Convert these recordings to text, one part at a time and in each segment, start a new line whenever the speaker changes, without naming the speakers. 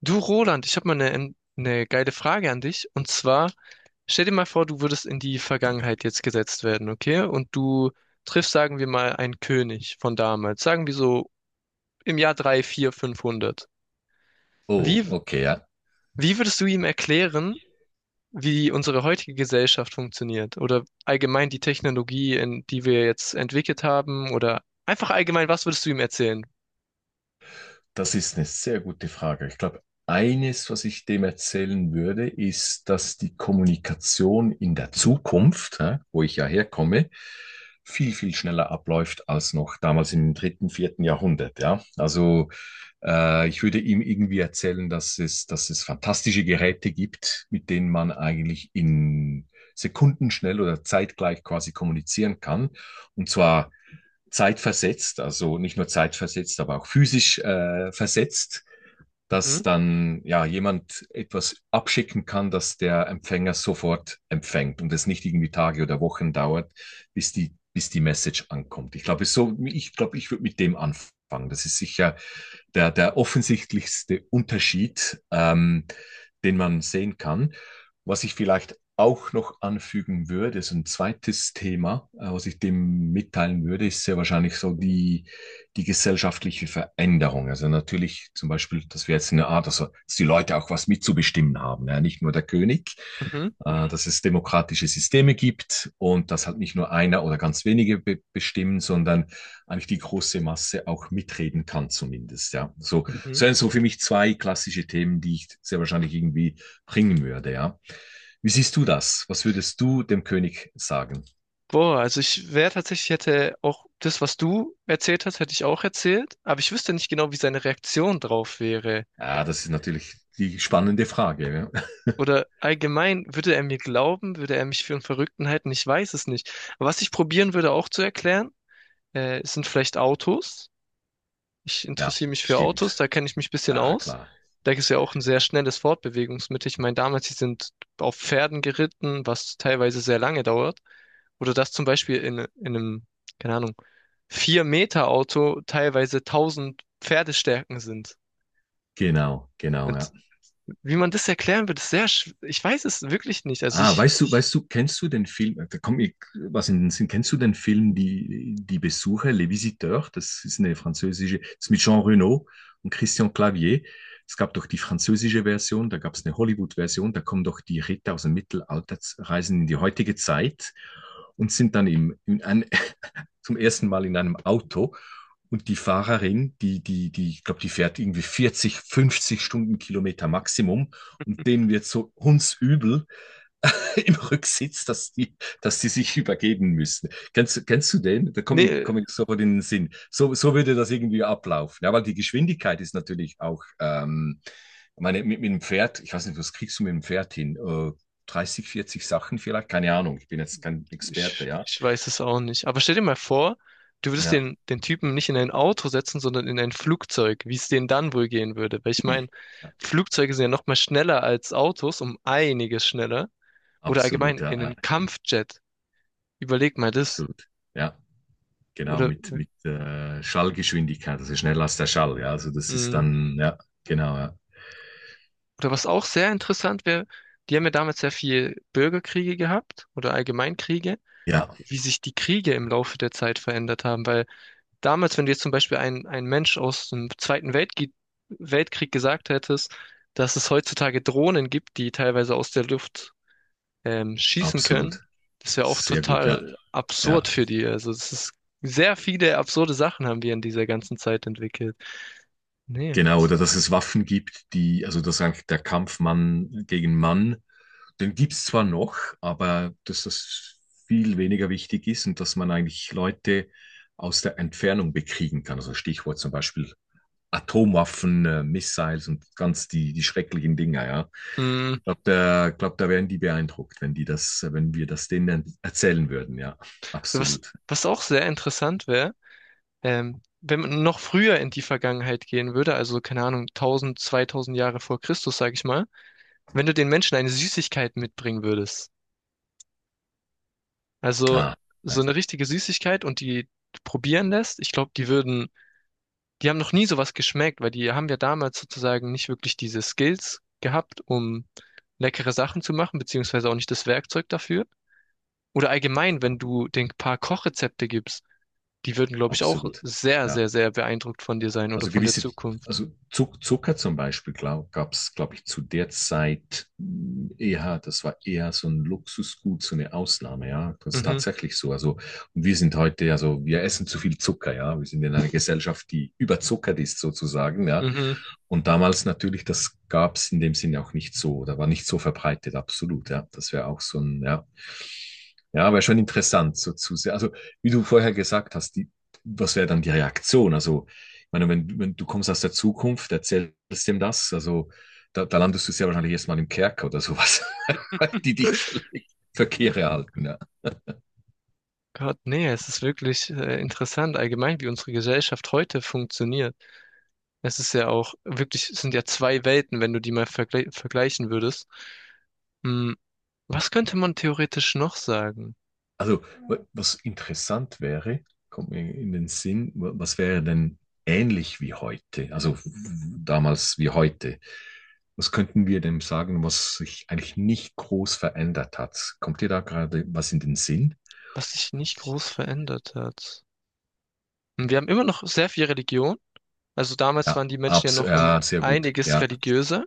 Du Roland, ich habe mal eine geile Frage an dich. Und zwar, stell dir mal vor, du würdest in die Vergangenheit jetzt gesetzt werden, okay? Und du triffst, sagen wir mal, einen König von damals, sagen wir so im Jahr 3, 4, 500.
Oh,
Wie,
okay, ja.
wie würdest du ihm erklären, wie unsere heutige Gesellschaft funktioniert oder allgemein die Technologie, in die wir jetzt entwickelt haben oder einfach allgemein, was würdest du ihm erzählen?
Das ist eine sehr gute Frage. Ich glaube, eines, was ich dem erzählen würde, ist, dass die Kommunikation in der Zukunft, ja, wo ich ja herkomme, viel, viel schneller abläuft als noch damals im dritten, vierten Jahrhundert. Ja, also ich würde ihm irgendwie erzählen, dass es fantastische Geräte gibt, mit denen man eigentlich in Sekundenschnell oder zeitgleich quasi kommunizieren kann. Und zwar zeitversetzt, also nicht nur zeitversetzt, aber auch physisch versetzt, dass
Mhm,
dann ja jemand etwas abschicken kann, dass der Empfänger sofort empfängt und es nicht irgendwie Tage oder Wochen dauert, bis die Message ankommt. Ich glaube, ich würde mit dem anfangen. Das ist sicher der offensichtlichste Unterschied, den man sehen kann. Was ich vielleicht auch noch anfügen würde, ist ein zweites Thema, was ich dem mitteilen würde, ist sehr wahrscheinlich so die gesellschaftliche Veränderung. Also natürlich zum Beispiel, dass wir jetzt eine Art, also dass die Leute auch was mitzubestimmen haben, ja, nicht nur der König,
mhm,
dass es demokratische Systeme gibt und dass halt nicht nur einer oder ganz wenige be bestimmen, sondern eigentlich die große Masse auch mitreden kann zumindest. Ja, so
mhm.
so sind so für mich zwei klassische Themen, die ich sehr wahrscheinlich irgendwie bringen würde. Ja, wie siehst du das? Was würdest du dem König sagen?
Boah, also ich wäre tatsächlich, hätte auch das, was du erzählt hast, hätte ich auch erzählt, aber ich wüsste nicht genau, wie seine Reaktion drauf wäre.
Ah, das ist natürlich die spannende Frage. Ja.
Oder allgemein, würde er mir glauben, würde er mich für einen Verrückten halten? Ich weiß es nicht. Aber was ich probieren würde auch zu erklären, sind vielleicht Autos. Ich
Ja,
interessiere mich für Autos,
stimmt.
da kenne ich mich ein bisschen
Ah,
aus.
klar.
Da ist ja auch ein sehr schnelles Fortbewegungsmittel. Ich meine, damals, sie sind auf Pferden geritten, was teilweise sehr lange dauert. Oder dass zum Beispiel in einem, keine Ahnung, vier meter auto teilweise 1.000 Pferdestärken sind.
Genau, genau,
Und
ja.
wie man das erklären wird, ist sehr. Ich weiß es wirklich nicht.
Ah, weißt du, kennst du den Film, da komm ich was in den Sinn, kennst du den Film Die Besucher, Les Visiteurs? Das ist eine französische, das ist mit Jean Reno und Christian Clavier. Es gab doch die französische Version, da gab es eine Hollywood-Version, da kommen doch die Ritter aus dem Mittelalter, reisen in die heutige Zeit und sind dann zum ersten Mal in einem Auto. Und die Fahrerin, die, ich glaube, die fährt irgendwie 40, 50 Stundenkilometer Maximum und denen wird so hundsübel im Rücksitz, dass die sich übergeben müssen. Kennst du den? Da komme ich,
Nee.
komm ich sofort in den Sinn. So würde das irgendwie ablaufen. Ja, weil die Geschwindigkeit ist natürlich auch, ich meine, mit dem Pferd, ich weiß nicht, was kriegst du mit dem Pferd hin? 30, 40 Sachen vielleicht? Keine Ahnung, ich bin jetzt kein Experte,
Ich,
ja.
ich weiß es auch nicht. Aber stell dir mal vor, du würdest
Ja,
den Typen nicht in ein Auto setzen, sondern in ein Flugzeug, wie es denen dann wohl gehen würde. Weil ich meine,
ui. Ja,
Flugzeuge sind ja noch mal schneller als Autos, um einiges schneller. Oder allgemein
absolut, ja,
in
ja,
einen Kampfjet. Überleg mal das.
absolut. Ja. Genau,
Oder,
mit Schallgeschwindigkeit, also schneller als der Schall, ja. Also das ist
mh,
dann, ja, genau, ja.
oder was auch sehr interessant wäre, die haben ja damals sehr viel Bürgerkriege gehabt oder Allgemeinkriege,
Ja,
wie sich die Kriege im Laufe der Zeit verändert haben, weil damals, wenn du jetzt zum Beispiel ein Mensch aus dem Zweiten Weltkrieg gesagt hättest, dass es heutzutage Drohnen gibt, die teilweise aus der Luft schießen können,
absolut.
das wäre auch
Sehr gut, ja.
total absurd
Ja.
für die. Also es ist sehr viele absurde Sachen haben wir in dieser ganzen Zeit entwickelt. Nee.
Genau, oder dass es Waffen gibt, die, also dass eigentlich der Kampf Mann gegen Mann, den gibt es zwar noch, aber dass das viel weniger wichtig ist und dass man eigentlich Leute aus der Entfernung bekriegen kann. Also Stichwort zum Beispiel Atomwaffen, Missiles und ganz die schrecklichen Dinger, ja.
Mm,
Glaub, da wären die beeindruckt, wenn wir das denen erzählen würden, ja.
Was,
Absolut.
was auch sehr interessant wäre, wenn man noch früher in die Vergangenheit gehen würde, also keine Ahnung, 1000, 2000 Jahre vor Christus, sag ich mal, wenn du den Menschen eine Süßigkeit mitbringen würdest. Also
Ah,
so
ja,
eine richtige Süßigkeit und die probieren lässt, ich glaube, die würden, die haben noch nie sowas geschmeckt, weil die haben ja damals sozusagen nicht wirklich diese Skills gehabt, um leckere Sachen zu machen, beziehungsweise auch nicht das Werkzeug dafür. Oder allgemein, wenn du den paar Kochrezepte gibst, die würden, glaube ich, auch
absolut.
sehr,
Ja.
sehr, sehr beeindruckt von dir sein oder
Also
von der
gewisse,
Zukunft.
also Zucker zum Beispiel gab es, glaube ich, zu der Zeit eher, das war eher so ein Luxusgut, so eine Ausnahme, ja. Das ist
Mhm,
tatsächlich so. Also, und wir sind heute, also wir essen zu viel Zucker, ja. Wir sind in einer Gesellschaft, die überzuckert ist sozusagen, ja.
mhm.
Und damals natürlich, das gab es in dem Sinne auch nicht so, da war nicht so verbreitet, absolut, ja. Das wäre auch so ein, ja. Ja, aber schon interessant, so zu sehr. Also, wie du vorher gesagt hast, was wäre dann die Reaktion? Also, ich meine, wenn du kommst aus der Zukunft, erzählst dem das, also da landest du sehr wahrscheinlich erstmal im Kerker oder sowas, die dich völlig verkehre halten. Ja.
Gott, nee, es ist wirklich interessant allgemein, wie unsere Gesellschaft heute funktioniert. Es ist ja auch wirklich, es sind ja zwei Welten, wenn du die mal vergleichen würdest. Hm, was könnte man theoretisch noch sagen,
Also, was interessant wäre, kommt mir in den Sinn, was wäre denn ähnlich wie heute, also damals wie heute? Was könnten wir dem sagen, was sich eigentlich nicht groß verändert hat? Kommt dir da gerade was in den Sinn?
was sich nicht groß verändert hat? Hm, wir haben immer noch sehr viel Religion. Also damals
Ja,
waren die Menschen ja
abs
noch um
ja, sehr gut.
einiges
Ja,
religiöser.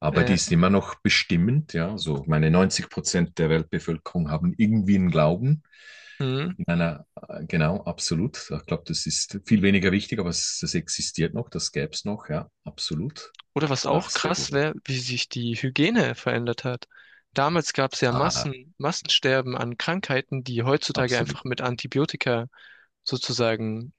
aber die
Äh,
ist immer noch bestimmend. Ja, so meine 90% der Weltbevölkerung haben irgendwie einen Glauben.
hm.
In einer, genau, absolut. Ich glaube, das ist viel weniger wichtig, aber das existiert noch, das gäbe es noch, ja, absolut.
Oder was
Ja,
auch
sehr
krass
gut.
wäre, wie sich die Hygiene verändert hat. Damals gab es ja
Ah,
Massensterben an Krankheiten, die heutzutage einfach
absolut.
mit Antibiotika sozusagen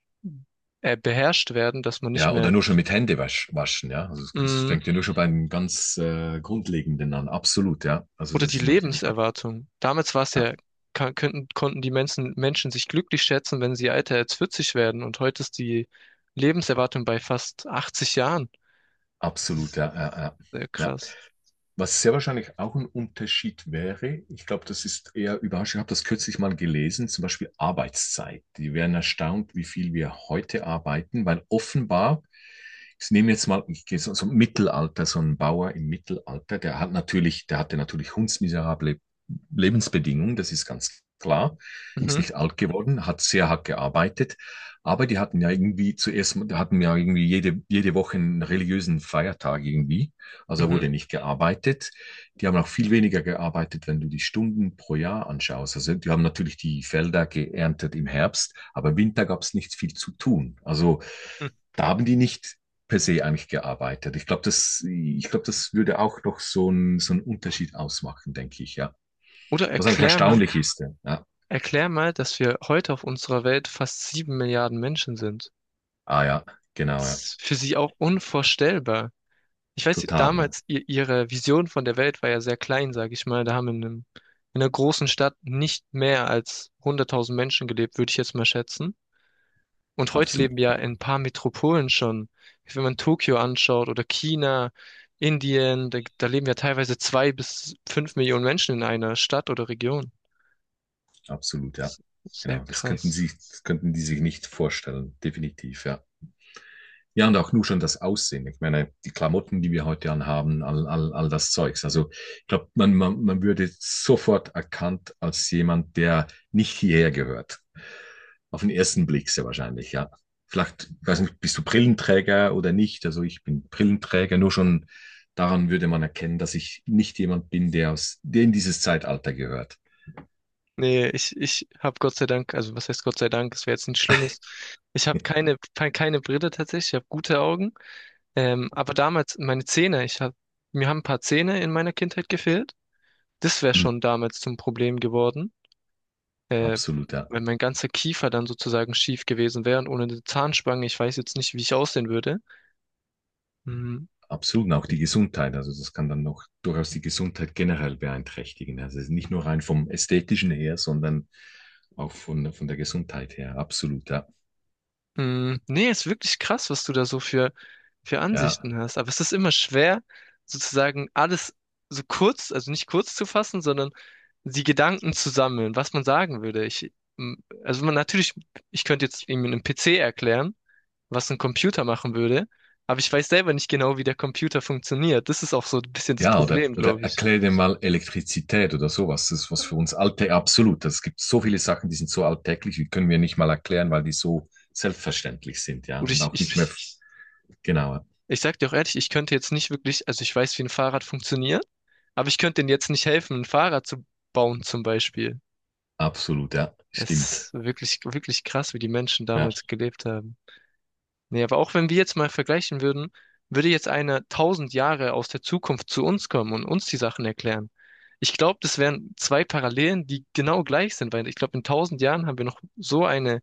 beherrscht werden, dass man nicht
Ja, oder
mehr.
nur schon mit Hände waschen, ja. Also es
Mm,
fängt ja nur schon beim ganz Grundlegenden an. Absolut, ja. Also
Oder
das
die
ist natürlich,
Lebenserwartung. Damals war es
ja,
ja, konnten die Menschen sich glücklich schätzen, wenn sie älter als 40 werden. Und heute ist die Lebenserwartung bei fast 80 Jahren. Das
absolut,
ist
ja, ja,
auch
ja.
sehr
Ja.
krass.
Was sehr wahrscheinlich auch ein Unterschied wäre, ich glaube, das ist eher überraschend. Ich habe das kürzlich mal gelesen, zum Beispiel Arbeitszeit. Die wären erstaunt, wie viel wir heute arbeiten, weil offenbar, ich nehme jetzt mal, ich gehe so ein Mittelalter, so ein Bauer im Mittelalter, der hatte natürlich hundsmiserable Lebensbedingungen, das ist ganz klar, ist
Mhm,
nicht alt geworden, hat sehr hart gearbeitet, aber die hatten ja irgendwie zuerst, hatten ja irgendwie jede Woche einen religiösen Feiertag irgendwie. Also
mhm.
wurde nicht gearbeitet. Die haben auch viel weniger gearbeitet, wenn du die Stunden pro Jahr anschaust. Also die haben natürlich die Felder geerntet im Herbst, aber im Winter gab es nicht viel zu tun. Also
Mhm.
da haben die nicht per se eigentlich gearbeitet. Ich glaube, das würde auch noch so einen Unterschied ausmachen, denke ich, ja.
Oder
Was eigentlich
erklär mal,
erstaunlich ist. Ja. Ja.
erklär mal, dass wir heute auf unserer Welt fast 7 Milliarden Menschen sind.
Ah ja, genau,
Das
ja.
ist für sie auch unvorstellbar. Ich weiß,
Total, ja.
damals, ihre Vision von der Welt war ja sehr klein, sage ich mal. Da haben in einer großen Stadt nicht mehr als 100.000 Menschen gelebt, würde ich jetzt mal schätzen. Und heute
Absolut,
leben ja in ein paar Metropolen schon. Wenn man Tokio anschaut oder China, Indien, da leben ja teilweise 2 bis 5 Millionen Menschen in einer Stadt oder Region.
absolut, ja.
S- Sehr
Genau, das könnten
krass.
sie, das könnten die sich nicht vorstellen, definitiv, ja. Ja, und auch nur schon das Aussehen. Ich meine, die Klamotten, die wir heute anhaben, all das Zeugs. Also ich glaube, man würde sofort erkannt als jemand, der nicht hierher gehört. Auf den ersten Blick sehr wahrscheinlich, ja. Vielleicht, ich weiß nicht, bist du Brillenträger oder nicht? Also ich bin Brillenträger, nur schon daran würde man erkennen, dass ich nicht jemand bin, der in dieses Zeitalter gehört.
Nee, ich habe Gott sei Dank, also was heißt Gott sei Dank, es wäre jetzt nichts Schlimmes. Ich habe keine Brille tatsächlich, ich habe gute Augen. Aber damals, meine Zähne, mir haben ein paar Zähne in meiner Kindheit gefehlt. Das wäre
Hm,
schon damals zum Problem geworden. Äh,
absolut, ja.
Wenn mein ganzer Kiefer dann sozusagen schief gewesen wäre und ohne eine Zahnspange, ich weiß jetzt nicht, wie ich aussehen würde. Mhm.
Absolut, und auch die Gesundheit. Also das kann dann noch durchaus die Gesundheit generell beeinträchtigen. Also es ist nicht nur rein vom Ästhetischen her, sondern auch von, der Gesundheit her. Absolut, ja.
Mhm. Nee, ist wirklich krass, was du da so für
Ja,
Ansichten hast. Aber es ist immer schwer, sozusagen alles so kurz, also nicht kurz zu fassen, sondern die Gedanken zu sammeln, was man sagen würde. M- also man natürlich, ich könnte jetzt irgendwie einen PC erklären, was ein Computer machen würde. Aber ich weiß selber nicht genau, wie der Computer funktioniert. Das ist auch so ein bisschen das
ja oder,
Problem,
oder
glaube ich.
erklär dir mal Elektrizität oder sowas. Das ist was für uns Alltag absolut. Es gibt so viele Sachen, die sind so alltäglich, die können wir nicht mal erklären, weil die so selbstverständlich sind, ja.
Und
Und
ich,
auch
ich,
nicht mehr, genau,
ich sag dir auch ehrlich, ich könnte jetzt nicht wirklich, also ich weiß, wie ein Fahrrad funktioniert, aber ich könnte denen jetzt nicht helfen, ein Fahrrad zu bauen zum Beispiel.
absolut, ja. Stimmt,
Es ist wirklich, wirklich krass, wie die Menschen
ja,
damals gelebt haben. Nee, aber auch wenn wir jetzt mal vergleichen würden, würde jetzt einer 1.000 Jahre aus der Zukunft zu uns kommen und uns die Sachen erklären. Ich glaube, das wären zwei Parallelen, die genau gleich sind, weil ich glaube, in 1.000 Jahren haben wir noch so eine,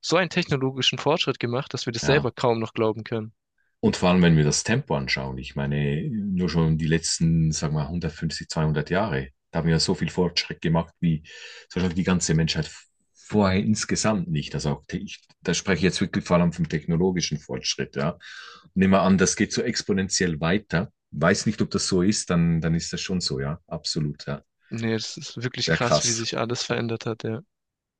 so einen technologischen Fortschritt gemacht, dass wir das
ja.
selber kaum noch glauben können.
Und vor allem, wenn wir das Tempo anschauen, ich meine, nur schon die letzten, sagen wir, 150, 200 Jahre, da haben wir ja so viel Fortschritt gemacht, wie zum Beispiel die ganze Menschheit vorher insgesamt nicht. Also auch, da spreche ich jetzt wirklich vor allem vom technologischen Fortschritt, ja. Nehmen wir an, das geht so exponentiell weiter. Weiß nicht, ob das so ist, dann ist das schon so, ja. Absolut, ja.
Nee, das ist wirklich
Ja,
krass, wie
krass.
sich alles verändert hat, ja.